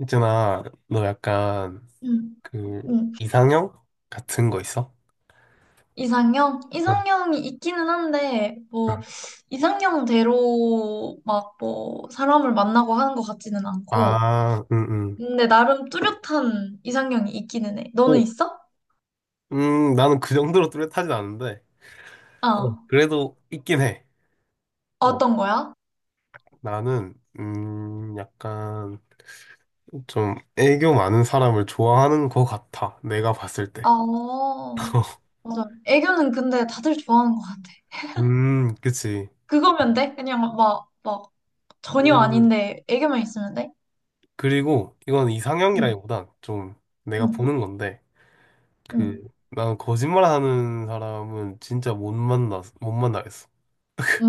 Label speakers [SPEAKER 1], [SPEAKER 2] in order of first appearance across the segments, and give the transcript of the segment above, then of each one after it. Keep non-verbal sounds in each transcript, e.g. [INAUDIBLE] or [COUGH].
[SPEAKER 1] 있잖아, 너 약간
[SPEAKER 2] 음,
[SPEAKER 1] 그
[SPEAKER 2] 음.
[SPEAKER 1] 이상형 같은 거 있어?
[SPEAKER 2] 이상형?
[SPEAKER 1] 응,
[SPEAKER 2] 이상형이 있기는 한데,
[SPEAKER 1] 응.
[SPEAKER 2] 뭐, 이상형대로 막 뭐, 사람을 만나고 하는 것 같지는 않고,
[SPEAKER 1] 아, 응, 응.
[SPEAKER 2] 근데 나름 뚜렷한 이상형이 있기는 해. 너는
[SPEAKER 1] 오,
[SPEAKER 2] 있어?
[SPEAKER 1] 나는 그 정도로 뚜렷하진 않은데, 어,
[SPEAKER 2] 어.
[SPEAKER 1] 그래도 있긴 해. 어,
[SPEAKER 2] 어떤 거야?
[SPEAKER 1] 나는 약간 좀 애교 많은 사람을 좋아하는 것 같아. 내가 봤을 때.
[SPEAKER 2] 어, 맞아. 애교는 근데 다들 좋아하는 것 같아.
[SPEAKER 1] 그치.
[SPEAKER 2] 그거면 돼? 그냥 막, 전혀
[SPEAKER 1] 음,
[SPEAKER 2] 아닌데, 애교만 있으면 돼?
[SPEAKER 1] 그리고 이건
[SPEAKER 2] 응,
[SPEAKER 1] 이상형이라기보단 좀 내가
[SPEAKER 2] 응,
[SPEAKER 1] 보는 건데,
[SPEAKER 2] 응.
[SPEAKER 1] 그 나는 거짓말하는 사람은 진짜 못 만나겠어.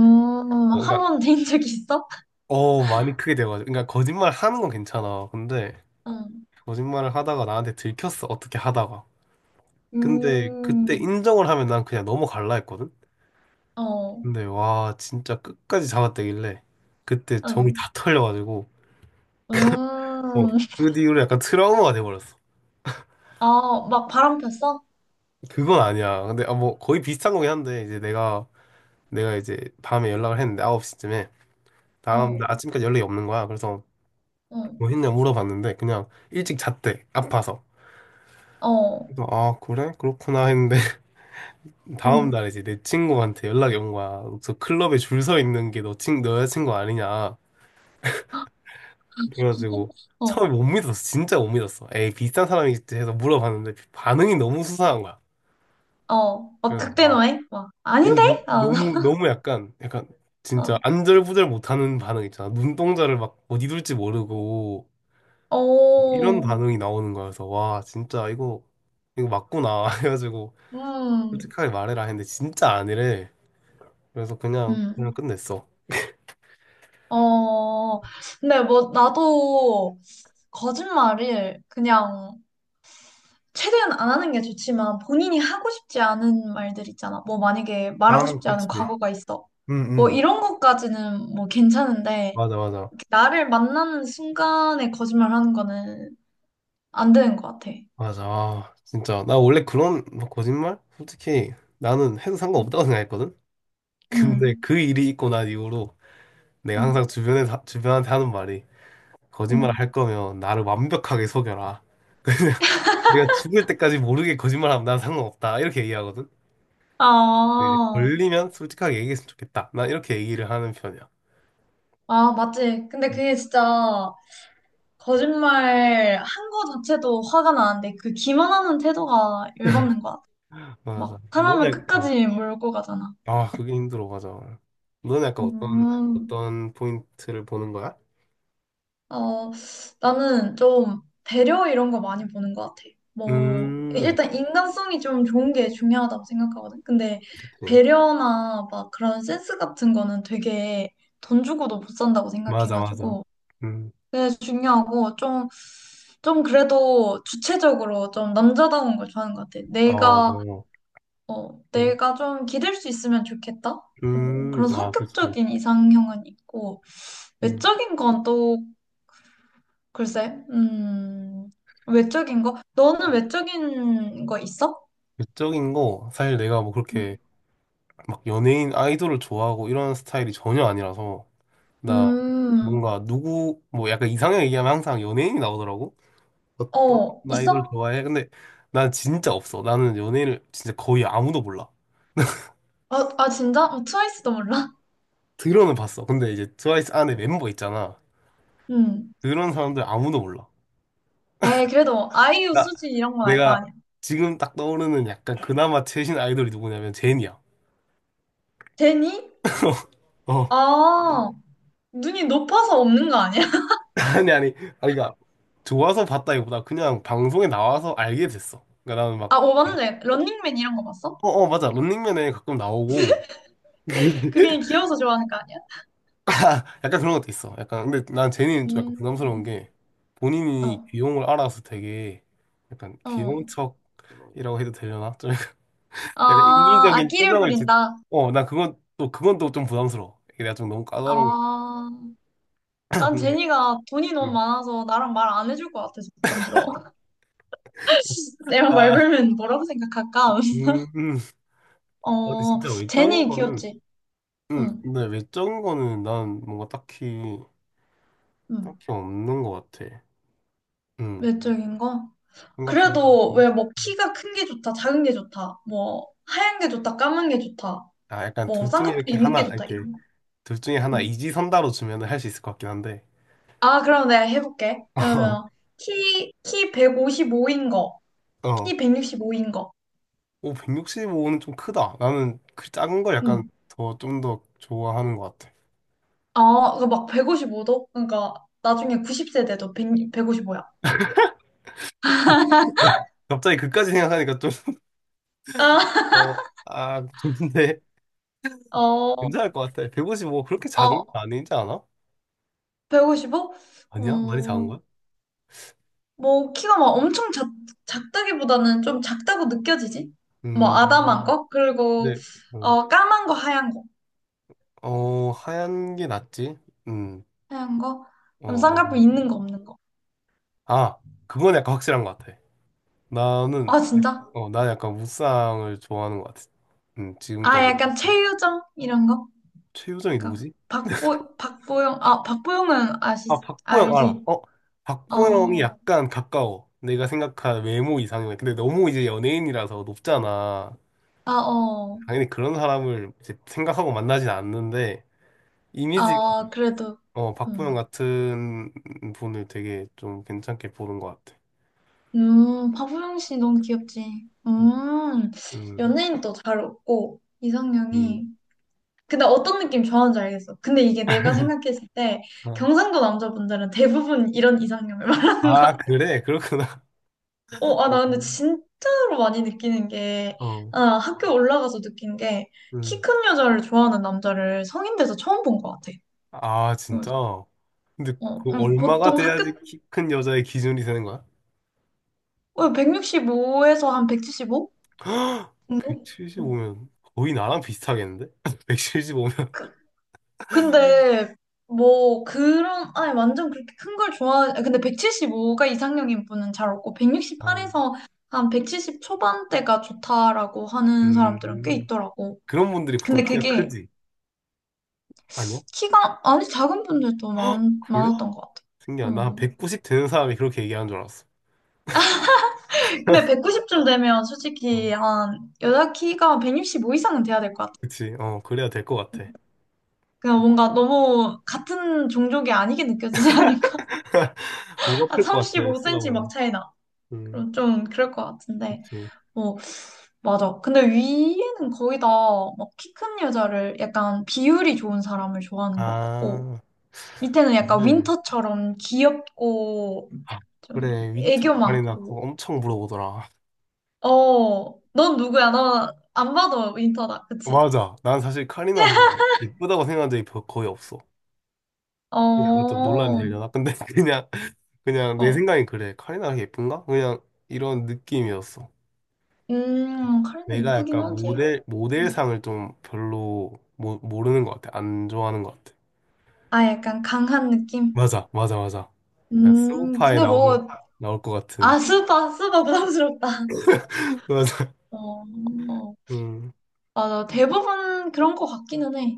[SPEAKER 1] 어,
[SPEAKER 2] 한
[SPEAKER 1] 그러니까
[SPEAKER 2] 번 데인 적이 있어? [LAUGHS]
[SPEAKER 1] 많이 크게 돼가지고 그러니까 거짓말 하는 건 괜찮아. 근데
[SPEAKER 2] 응.
[SPEAKER 1] 거짓말을 하다가 나한테 들켰어, 어떻게 하다가. 근데 그때
[SPEAKER 2] 음.
[SPEAKER 1] 인정을 하면 난 그냥 넘어갈라 했거든.
[SPEAKER 2] 어.
[SPEAKER 1] 근데 와, 진짜 끝까지 잡아떼길래 그때 정이
[SPEAKER 2] 어.
[SPEAKER 1] 다 털려가지고 어,
[SPEAKER 2] 음.
[SPEAKER 1] 그 뒤로 약간 트라우마가 돼버렸어.
[SPEAKER 2] 아, 막 바람 폈어?
[SPEAKER 1] 그건 아니야. 근데 아, 뭐 거의 비슷한 거긴 한데 이제 내가 이제 밤에 연락을 했는데 9시쯤에 다음
[SPEAKER 2] 어,
[SPEAKER 1] 날 아침까지 연락이 없는 거야. 그래서
[SPEAKER 2] 응,
[SPEAKER 1] 뭐 했냐 물어봤는데 그냥 일찍 잤대, 아파서.
[SPEAKER 2] 어,
[SPEAKER 1] 그래서 아, 그래, 그렇구나 했는데 다음
[SPEAKER 2] 응,
[SPEAKER 1] 날 이제 내 친구한테 연락이 온 거야. 저 클럽에 줄 서 있는 게 너 여자친구 아니냐. 그래가지고
[SPEAKER 2] 어,
[SPEAKER 1] 처음에 못 믿었어. 진짜 못 믿었어. 에이, 비슷한 사람이겠지 해서 물어봤는데 반응이 너무 수상한 거야.
[SPEAKER 2] 어, 막
[SPEAKER 1] 그래서 아,
[SPEAKER 2] 극대노해? 막,
[SPEAKER 1] 아니,
[SPEAKER 2] 아닌데?
[SPEAKER 1] 너,
[SPEAKER 2] 어,
[SPEAKER 1] 너무, 너무 약간, 약간 진짜
[SPEAKER 2] [LAUGHS]
[SPEAKER 1] 안절부절 못하는 반응 있잖아. 눈동자를 막 어디 둘지 모르고
[SPEAKER 2] 어,
[SPEAKER 1] 이런
[SPEAKER 2] 어,
[SPEAKER 1] 반응이 나오는 거여서 와, 진짜 이거, 이거 맞구나. [LAUGHS] 해가지고
[SPEAKER 2] 음,
[SPEAKER 1] 솔직하게 말해라 했는데 진짜 아니래. 그래서
[SPEAKER 2] 음,
[SPEAKER 1] 그냥 끝냈어.
[SPEAKER 2] 어, 근데 뭐, 나도 거짓말을 그냥 최대한 안 하는 게 좋지만 본인이 하고 싶지 않은 말들 있잖아. 뭐, 만약에
[SPEAKER 1] 아,
[SPEAKER 2] 말하고 싶지
[SPEAKER 1] 그치.
[SPEAKER 2] 않은 과거가 있어.
[SPEAKER 1] 응,
[SPEAKER 2] 뭐,
[SPEAKER 1] 응.
[SPEAKER 2] 이런 것까지는 뭐 괜찮은데,
[SPEAKER 1] 맞아, 맞아.
[SPEAKER 2] 나를 만나는 순간에 거짓말하는 거는 안 되는 것 같아.
[SPEAKER 1] 맞아. 아, 진짜. 나 원래 그런 막 거짓말? 솔직히 나는 해도 상관없다고 생각했거든? [LAUGHS] 근데
[SPEAKER 2] 응,
[SPEAKER 1] 그 일이 있고 난 이후로 내가
[SPEAKER 2] 응,
[SPEAKER 1] 항상 주변에, 주변한테 하는 말이 거짓말
[SPEAKER 2] 응.
[SPEAKER 1] 할 거면 나를 완벽하게 속여라. 내가 죽을 때까지 모르게 거짓말하면 난 상관없다. 이렇게 얘기하거든?
[SPEAKER 2] 아,
[SPEAKER 1] 근데 이제 걸리면 솔직하게 얘기했으면 좋겠다. 난 이렇게 얘기를 하는 편이야.
[SPEAKER 2] 아, 맞지. 근데 그게 진짜 거짓말 한 거 자체도 화가 나는데 그 기만하는 태도가 열받는 것 같아. 막
[SPEAKER 1] 맞아. 너네,
[SPEAKER 2] 사람을
[SPEAKER 1] 약간,
[SPEAKER 2] 끝까지 몰고 가잖아.
[SPEAKER 1] 아, 그게 힘들어. 맞아. 너는 약간
[SPEAKER 2] 음.
[SPEAKER 1] 어떤 포인트를 보는 거야?
[SPEAKER 2] 어, 나는 좀 배려 이런 거 많이 보는 것 같아. 뭐,
[SPEAKER 1] 음,
[SPEAKER 2] 일단 인간성이 좀 좋은 게 중요하다고 생각하거든. 근데
[SPEAKER 1] 그치.
[SPEAKER 2] 배려나 막 그런 센스 같은 거는 되게 돈 주고도 못 산다고
[SPEAKER 1] 맞아, 맞아.
[SPEAKER 2] 생각해가지고.
[SPEAKER 1] 음,
[SPEAKER 2] 그게 중요하고 좀, 그래도 주체적으로 좀 남자다운 걸 좋아하는 것 같아.
[SPEAKER 1] 어,
[SPEAKER 2] 내가, 어,
[SPEAKER 1] 음,
[SPEAKER 2] 내가 좀 기댈 수 있으면 좋겠다. 뭐 그런
[SPEAKER 1] 아, 그치.
[SPEAKER 2] 성격적인 이상형은 있고,
[SPEAKER 1] 음.
[SPEAKER 2] 외적인 건또 글쎄, 외적인 거? 너는 외적인 거 있어?
[SPEAKER 1] 외적인 거, 사실 내가 뭐 그렇게 막 연예인 아이돌을 좋아하고 이런 스타일이 전혀 아니라서, 나
[SPEAKER 2] 음,
[SPEAKER 1] 뭔가 누구, 뭐 약간 이상형 얘기하면 항상 연예인이 나오더라고. 어떤
[SPEAKER 2] 어,
[SPEAKER 1] 아이돌
[SPEAKER 2] 있어?
[SPEAKER 1] 좋아해? 근데 난 진짜 없어. 나는 연예인을 진짜 거의 아무도 몰라.
[SPEAKER 2] 아, 아 진짜? 어, 트와이스도 몰라? [LAUGHS]
[SPEAKER 1] 들어는 봤어. 근데 이제 트와이스 안에 멤버 있잖아.
[SPEAKER 2] 음.
[SPEAKER 1] 그런 사람들 아무도 몰라.
[SPEAKER 2] 에이, 그래도 아이유,
[SPEAKER 1] 나,
[SPEAKER 2] 수지 이런 건 알 거
[SPEAKER 1] 내가
[SPEAKER 2] 아니야.
[SPEAKER 1] 지금 딱 떠오르는 약간 그나마 최신 아이돌이 누구냐면 제니야.
[SPEAKER 2] 제니?
[SPEAKER 1] 어. [LAUGHS]
[SPEAKER 2] 아, 눈이 높아서 없는 거 아니야? [LAUGHS]
[SPEAKER 1] 아니 아니 아니, 그러니까 좋아서 봤다기보다 그냥 방송에 나와서 알게 됐어. 그러니까 나는
[SPEAKER 2] 아,
[SPEAKER 1] 막
[SPEAKER 2] 어, 맞네. 런닝맨 이런 거 봤어?
[SPEAKER 1] 어 어 맞아, 런닝맨에 가끔 나오고.
[SPEAKER 2] 그게
[SPEAKER 1] [LAUGHS]
[SPEAKER 2] 귀여워서 좋아하는 거 아니야?
[SPEAKER 1] 아, 약간 그런 것도 있어. 약간 근데 난 제니는 좀 약간 부담스러운
[SPEAKER 2] 음,
[SPEAKER 1] 게 본인이
[SPEAKER 2] 어,
[SPEAKER 1] 귀여움을 알아서 되게 약간 귀여운
[SPEAKER 2] 어.
[SPEAKER 1] 척이라고 해도 되려나? 좀 [LAUGHS]
[SPEAKER 2] 아,
[SPEAKER 1] 약간
[SPEAKER 2] 아
[SPEAKER 1] 인위적인
[SPEAKER 2] 기를
[SPEAKER 1] 표정을 짓.
[SPEAKER 2] 부린다.
[SPEAKER 1] 어나 그건 또 좀 부담스러워. 이게 내가 좀 너무 까다로운
[SPEAKER 2] 아, 난
[SPEAKER 1] 데.
[SPEAKER 2] 제니가 돈이 너무
[SPEAKER 1] [LAUGHS]
[SPEAKER 2] 많아서 나랑 말 안 해줄 것 같아서 부담스러워. 내가 말 걸면 뭐라고 생각할까? [LAUGHS]
[SPEAKER 1] 음, 음. 근데
[SPEAKER 2] 어,
[SPEAKER 1] 진짜 외적인
[SPEAKER 2] 제니
[SPEAKER 1] 거는,
[SPEAKER 2] 귀엽지? 응,
[SPEAKER 1] 근데 외적인 거는 난 뭔가
[SPEAKER 2] 응.
[SPEAKER 1] 딱히 없는 것 같아. 음,
[SPEAKER 2] 외적인 거? 그래도
[SPEAKER 1] 생각해보니까.
[SPEAKER 2] 왜 뭐 키가 큰 게 좋다, 작은 게 좋다, 뭐 하얀 게 좋다, 까만 게 좋다,
[SPEAKER 1] 아, 약간
[SPEAKER 2] 뭐
[SPEAKER 1] 둘 중에
[SPEAKER 2] 쌍꺼풀
[SPEAKER 1] 이렇게
[SPEAKER 2] 있는 게
[SPEAKER 1] 하나,
[SPEAKER 2] 좋다
[SPEAKER 1] 이렇게,
[SPEAKER 2] 이런 거.
[SPEAKER 1] 둘 중에 하나
[SPEAKER 2] 응.
[SPEAKER 1] 이지선다로 주면은 할 수 있을 것 같긴 한데.
[SPEAKER 2] 아, 그럼 내가 해볼게. 그러면
[SPEAKER 1] [LAUGHS]
[SPEAKER 2] 키 155인 거,
[SPEAKER 1] 어,
[SPEAKER 2] 키 165인 거.
[SPEAKER 1] 오, 165는 좀 크다. 나는 그 작은 걸 약간
[SPEAKER 2] 응.
[SPEAKER 1] 더, 좀 더 좋아하는 것 같아.
[SPEAKER 2] 아, 그막 155도? 그러니까 나중에 90세 돼도 1 155야.
[SPEAKER 1] [LAUGHS] 갑자기 그까지 생각하니까 좀,
[SPEAKER 2] 아,
[SPEAKER 1] 어, 아, 근데
[SPEAKER 2] [LAUGHS] 어,
[SPEAKER 1] 괜찮을 것 같아. 155 그렇게 작은 건
[SPEAKER 2] 어,
[SPEAKER 1] 아니지 않아?
[SPEAKER 2] 155?
[SPEAKER 1] 아니야? 많이 작은
[SPEAKER 2] 어,
[SPEAKER 1] 거야?
[SPEAKER 2] 뭐 키가 막 엄청 작다기보다는 좀 작다고 느껴지지? 뭐
[SPEAKER 1] 음,
[SPEAKER 2] 아담한 거? 그리고
[SPEAKER 1] 근데 음,
[SPEAKER 2] 까만 거 하얀 거
[SPEAKER 1] 어 하얀 게 낫지. 음,
[SPEAKER 2] 하얀 거?
[SPEAKER 1] 어
[SPEAKER 2] 그럼 쌍꺼풀
[SPEAKER 1] 아마.
[SPEAKER 2] 있는 거 없는 거?
[SPEAKER 1] 아, 그건 약간 확실한 것 같아. 나는
[SPEAKER 2] 아 진짜?
[SPEAKER 1] 어나 약간 무쌍을 좋아하는 것 같아. 음,
[SPEAKER 2] 아
[SPEAKER 1] 지금까지.
[SPEAKER 2] 약간 최유정 이런 거?
[SPEAKER 1] 최유정이
[SPEAKER 2] 그러니까
[SPEAKER 1] 누구지?
[SPEAKER 2] 박보영 아 박보영은 아시
[SPEAKER 1] 아, 박보영 알아.
[SPEAKER 2] 알지?
[SPEAKER 1] 어, 박보영이
[SPEAKER 2] 어어어어.
[SPEAKER 1] 약간 가까워. 내가 생각한 외모 이상형이 근데 너무 이제 연예인이라서 높잖아.
[SPEAKER 2] 아, 어.
[SPEAKER 1] 당연히 그런 사람을 이제 생각하고 만나진 않는데 이미지가
[SPEAKER 2] 아 그래도
[SPEAKER 1] 어 박보영
[SPEAKER 2] 음.
[SPEAKER 1] 같은 분을 되게 좀 괜찮게 보는 것 같아.
[SPEAKER 2] 박보영 씨 너무 귀엽지?
[SPEAKER 1] 음.
[SPEAKER 2] 연예인도 잘 웃고
[SPEAKER 1] 음.
[SPEAKER 2] 이상형이 근데 어떤 느낌 좋아하는지 알겠어. 근데 이게 내가
[SPEAKER 1] [LAUGHS]
[SPEAKER 2] 생각했을 때
[SPEAKER 1] 어.
[SPEAKER 2] 경상도 남자분들은 대부분 이런 이상형을 [LAUGHS] 말하는 거야.
[SPEAKER 1] 아, 그래? 그렇구나.
[SPEAKER 2] 어, 아, 나 근데
[SPEAKER 1] 음.
[SPEAKER 2] 진짜로 많이 느끼는 게,
[SPEAKER 1] 어.
[SPEAKER 2] 아, 학교 올라가서 느낀 게, 키
[SPEAKER 1] 음.
[SPEAKER 2] 큰 여자를 좋아하는 남자를 성인 돼서 처음 본 것 같아.
[SPEAKER 1] 아,
[SPEAKER 2] 그래서,
[SPEAKER 1] 진짜? 근데 그 얼마가
[SPEAKER 2] 보통
[SPEAKER 1] 돼야지 키 큰 여자의 기준이 되는 거야?
[SPEAKER 2] 165에서 한 175
[SPEAKER 1] [GASPS]
[SPEAKER 2] 정도? 어.
[SPEAKER 1] 175면 거의 나랑 비슷하겠는데? [LAUGHS] 175면?
[SPEAKER 2] 근데 뭐 그런 아니 완전 그렇게 큰 걸 좋아하 근데 175가 이상형인 분은 잘 없고
[SPEAKER 1] 어.
[SPEAKER 2] 168에서 한 170 초반대가 좋다라고 하는 사람들은 꽤
[SPEAKER 1] 음.
[SPEAKER 2] 있더라고.
[SPEAKER 1] 그런 분들이 보통
[SPEAKER 2] 근데
[SPEAKER 1] 키가
[SPEAKER 2] 그게
[SPEAKER 1] 크지? 아니야?
[SPEAKER 2] 키가 아니 작은 분들도 많
[SPEAKER 1] 그래?
[SPEAKER 2] 많았던 것 같아.
[SPEAKER 1] 신기하다.
[SPEAKER 2] 음.
[SPEAKER 1] 나190 되는 사람이 그렇게 얘기하는 줄 알았어.
[SPEAKER 2] 근데 190쯤 되면
[SPEAKER 1] 어.
[SPEAKER 2] 솔직히 한 여자 키가 165 이상은 돼야 될 것 같아.
[SPEAKER 1] 그치? 어, 그래야 될 것
[SPEAKER 2] 음.
[SPEAKER 1] 같아.
[SPEAKER 2] 그냥 뭔가 너무 같은 종족이 아니게 느껴지지 않을까?
[SPEAKER 1] 뭐가
[SPEAKER 2] [LAUGHS] 한
[SPEAKER 1] 플것 같아,
[SPEAKER 2] 35 cm 막
[SPEAKER 1] 쳐다보면.
[SPEAKER 2] 차이 나.
[SPEAKER 1] 음,
[SPEAKER 2] 그럼 좀 그럴 것 같은데.
[SPEAKER 1] 그치.
[SPEAKER 2] 어, 맞아. 근데 위에는 거의 다막키 큰 여자를 약간 비율이 좋은 사람을 좋아하는 것 같고,
[SPEAKER 1] 아,
[SPEAKER 2] 밑에는 약간
[SPEAKER 1] 그래.
[SPEAKER 2] 윈터처럼 귀엽고,
[SPEAKER 1] 아,
[SPEAKER 2] 좀
[SPEAKER 1] 그래, 윈터
[SPEAKER 2] 애교
[SPEAKER 1] 카리나 그거
[SPEAKER 2] 많고.
[SPEAKER 1] 엄청 물어보더라.
[SPEAKER 2] 어, 넌 누구야? 너 안 봐도 윈터다. 그치?
[SPEAKER 1] 맞아. 난 사실 카리나 보고 이쁘다고 생각한 적이 거의 없어.
[SPEAKER 2] 어,
[SPEAKER 1] 약간 좀 논란이
[SPEAKER 2] 어.
[SPEAKER 1] 되려나? 근데 [LAUGHS] 그냥, 그냥 내 생각이 그래. 카리나 예쁜가? 그냥 이런 느낌이었어.
[SPEAKER 2] 카리나
[SPEAKER 1] 내가
[SPEAKER 2] 이쁘긴
[SPEAKER 1] 약간
[SPEAKER 2] 하지.
[SPEAKER 1] 모델,
[SPEAKER 2] 음.
[SPEAKER 1] 모델상을 좀 별로 모르는 것 같아. 안 좋아하는 것 같아.
[SPEAKER 2] 아, 약간 강한 느낌?
[SPEAKER 1] 맞아, 맞아, 맞아. 약간 스우파에
[SPEAKER 2] 근데 뭐,
[SPEAKER 1] 나올 것 같은.
[SPEAKER 2] 아, 스파 부담스럽다.
[SPEAKER 1] [LAUGHS] 맞아.
[SPEAKER 2] 어.
[SPEAKER 1] 음.
[SPEAKER 2] 맞아. 대부분 그런 거 같기는 해.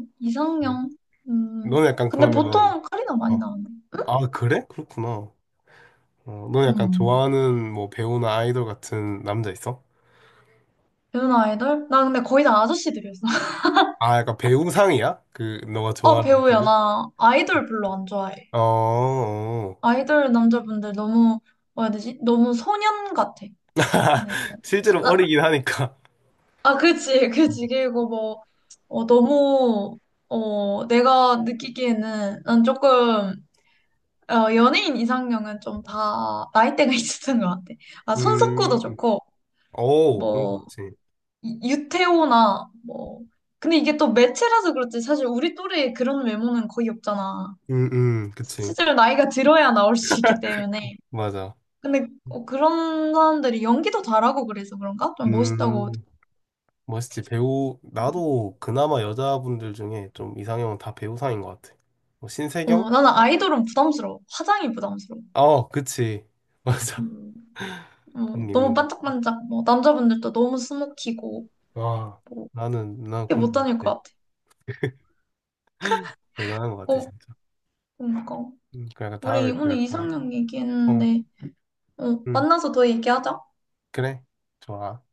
[SPEAKER 1] 음.
[SPEAKER 2] 이상형. 음.
[SPEAKER 1] 너는 약간
[SPEAKER 2] 근데
[SPEAKER 1] 그러면,
[SPEAKER 2] 보통 카리나 많이
[SPEAKER 1] 어.
[SPEAKER 2] 나왔네.
[SPEAKER 1] 아, 그래? 그렇구나. 어, 너 약간
[SPEAKER 2] 음.
[SPEAKER 1] 좋아하는 뭐 배우나 아이돌 같은 남자 있어?
[SPEAKER 2] 배우나 아이돌? 나 근데 거의 다 아저씨들이었어. [LAUGHS]
[SPEAKER 1] 아, 약간 배우상이야? 그 너가
[SPEAKER 2] 어,
[SPEAKER 1] 좋아하는
[SPEAKER 2] 배우야.
[SPEAKER 1] 느낌이?
[SPEAKER 2] 나 아이돌 별로 안 좋아해.
[SPEAKER 1] 어, 어.
[SPEAKER 2] 아이돌 남자분들 너무, 뭐라 해야 되지? 너무 소년 같아. 네.
[SPEAKER 1] 실제로
[SPEAKER 2] 아,
[SPEAKER 1] 어리긴 하니까.
[SPEAKER 2] 아, 아, 그치. [LAUGHS] 그치. 그리고 뭐, 너무, 내가 느끼기에는 난 조금, 연예인 이상형은 좀 다 나이대가 [LAUGHS] 있었던 것 같아.
[SPEAKER 1] [LAUGHS]
[SPEAKER 2] 아, 손석구도
[SPEAKER 1] 음,
[SPEAKER 2] 좋고,
[SPEAKER 1] 오, 그런 거
[SPEAKER 2] 뭐,
[SPEAKER 1] 그치.
[SPEAKER 2] 유태오나 뭐 근데 이게 또 매체라서 그렇지 사실 우리 또래에 그런 외모는 거의 없잖아.
[SPEAKER 1] 그치.
[SPEAKER 2] 실제로 나이가 들어야 나올 수 있기 때문에
[SPEAKER 1] 맞아.
[SPEAKER 2] 근데 그런 사람들이 연기도 잘하고 그래서 그런가? 좀 멋있다고.
[SPEAKER 1] 음, 멋있지. 배우, 나도 그나마 여자분들 중에 좀 이상형은 다 배우상인 것 같아. 뭐
[SPEAKER 2] 어,
[SPEAKER 1] 신세경?
[SPEAKER 2] 나는 아이돌은 부담스러워. 화장이 부담스러워.
[SPEAKER 1] 어, 그치. [LAUGHS] 맞아.
[SPEAKER 2] 음, 어,
[SPEAKER 1] 그런 게
[SPEAKER 2] 너무
[SPEAKER 1] 있는 거.
[SPEAKER 2] 반짝반짝 뭐 남자분들도 너무 스모키고
[SPEAKER 1] 와,
[SPEAKER 2] 뭐
[SPEAKER 1] 난
[SPEAKER 2] 이게
[SPEAKER 1] 그런
[SPEAKER 2] 못
[SPEAKER 1] 거
[SPEAKER 2] 다닐
[SPEAKER 1] 같아.
[SPEAKER 2] 것 같아.
[SPEAKER 1] 대단한 것 같아,
[SPEAKER 2] 어
[SPEAKER 1] 진짜.
[SPEAKER 2] 그러니까
[SPEAKER 1] 그 약간
[SPEAKER 2] 우리
[SPEAKER 1] 다음에 또
[SPEAKER 2] 오늘
[SPEAKER 1] 약간
[SPEAKER 2] 이상형
[SPEAKER 1] 어,
[SPEAKER 2] 얘기했는데 어,
[SPEAKER 1] 음,
[SPEAKER 2] 만나서 더 얘기하자.
[SPEAKER 1] 그래. 좋아.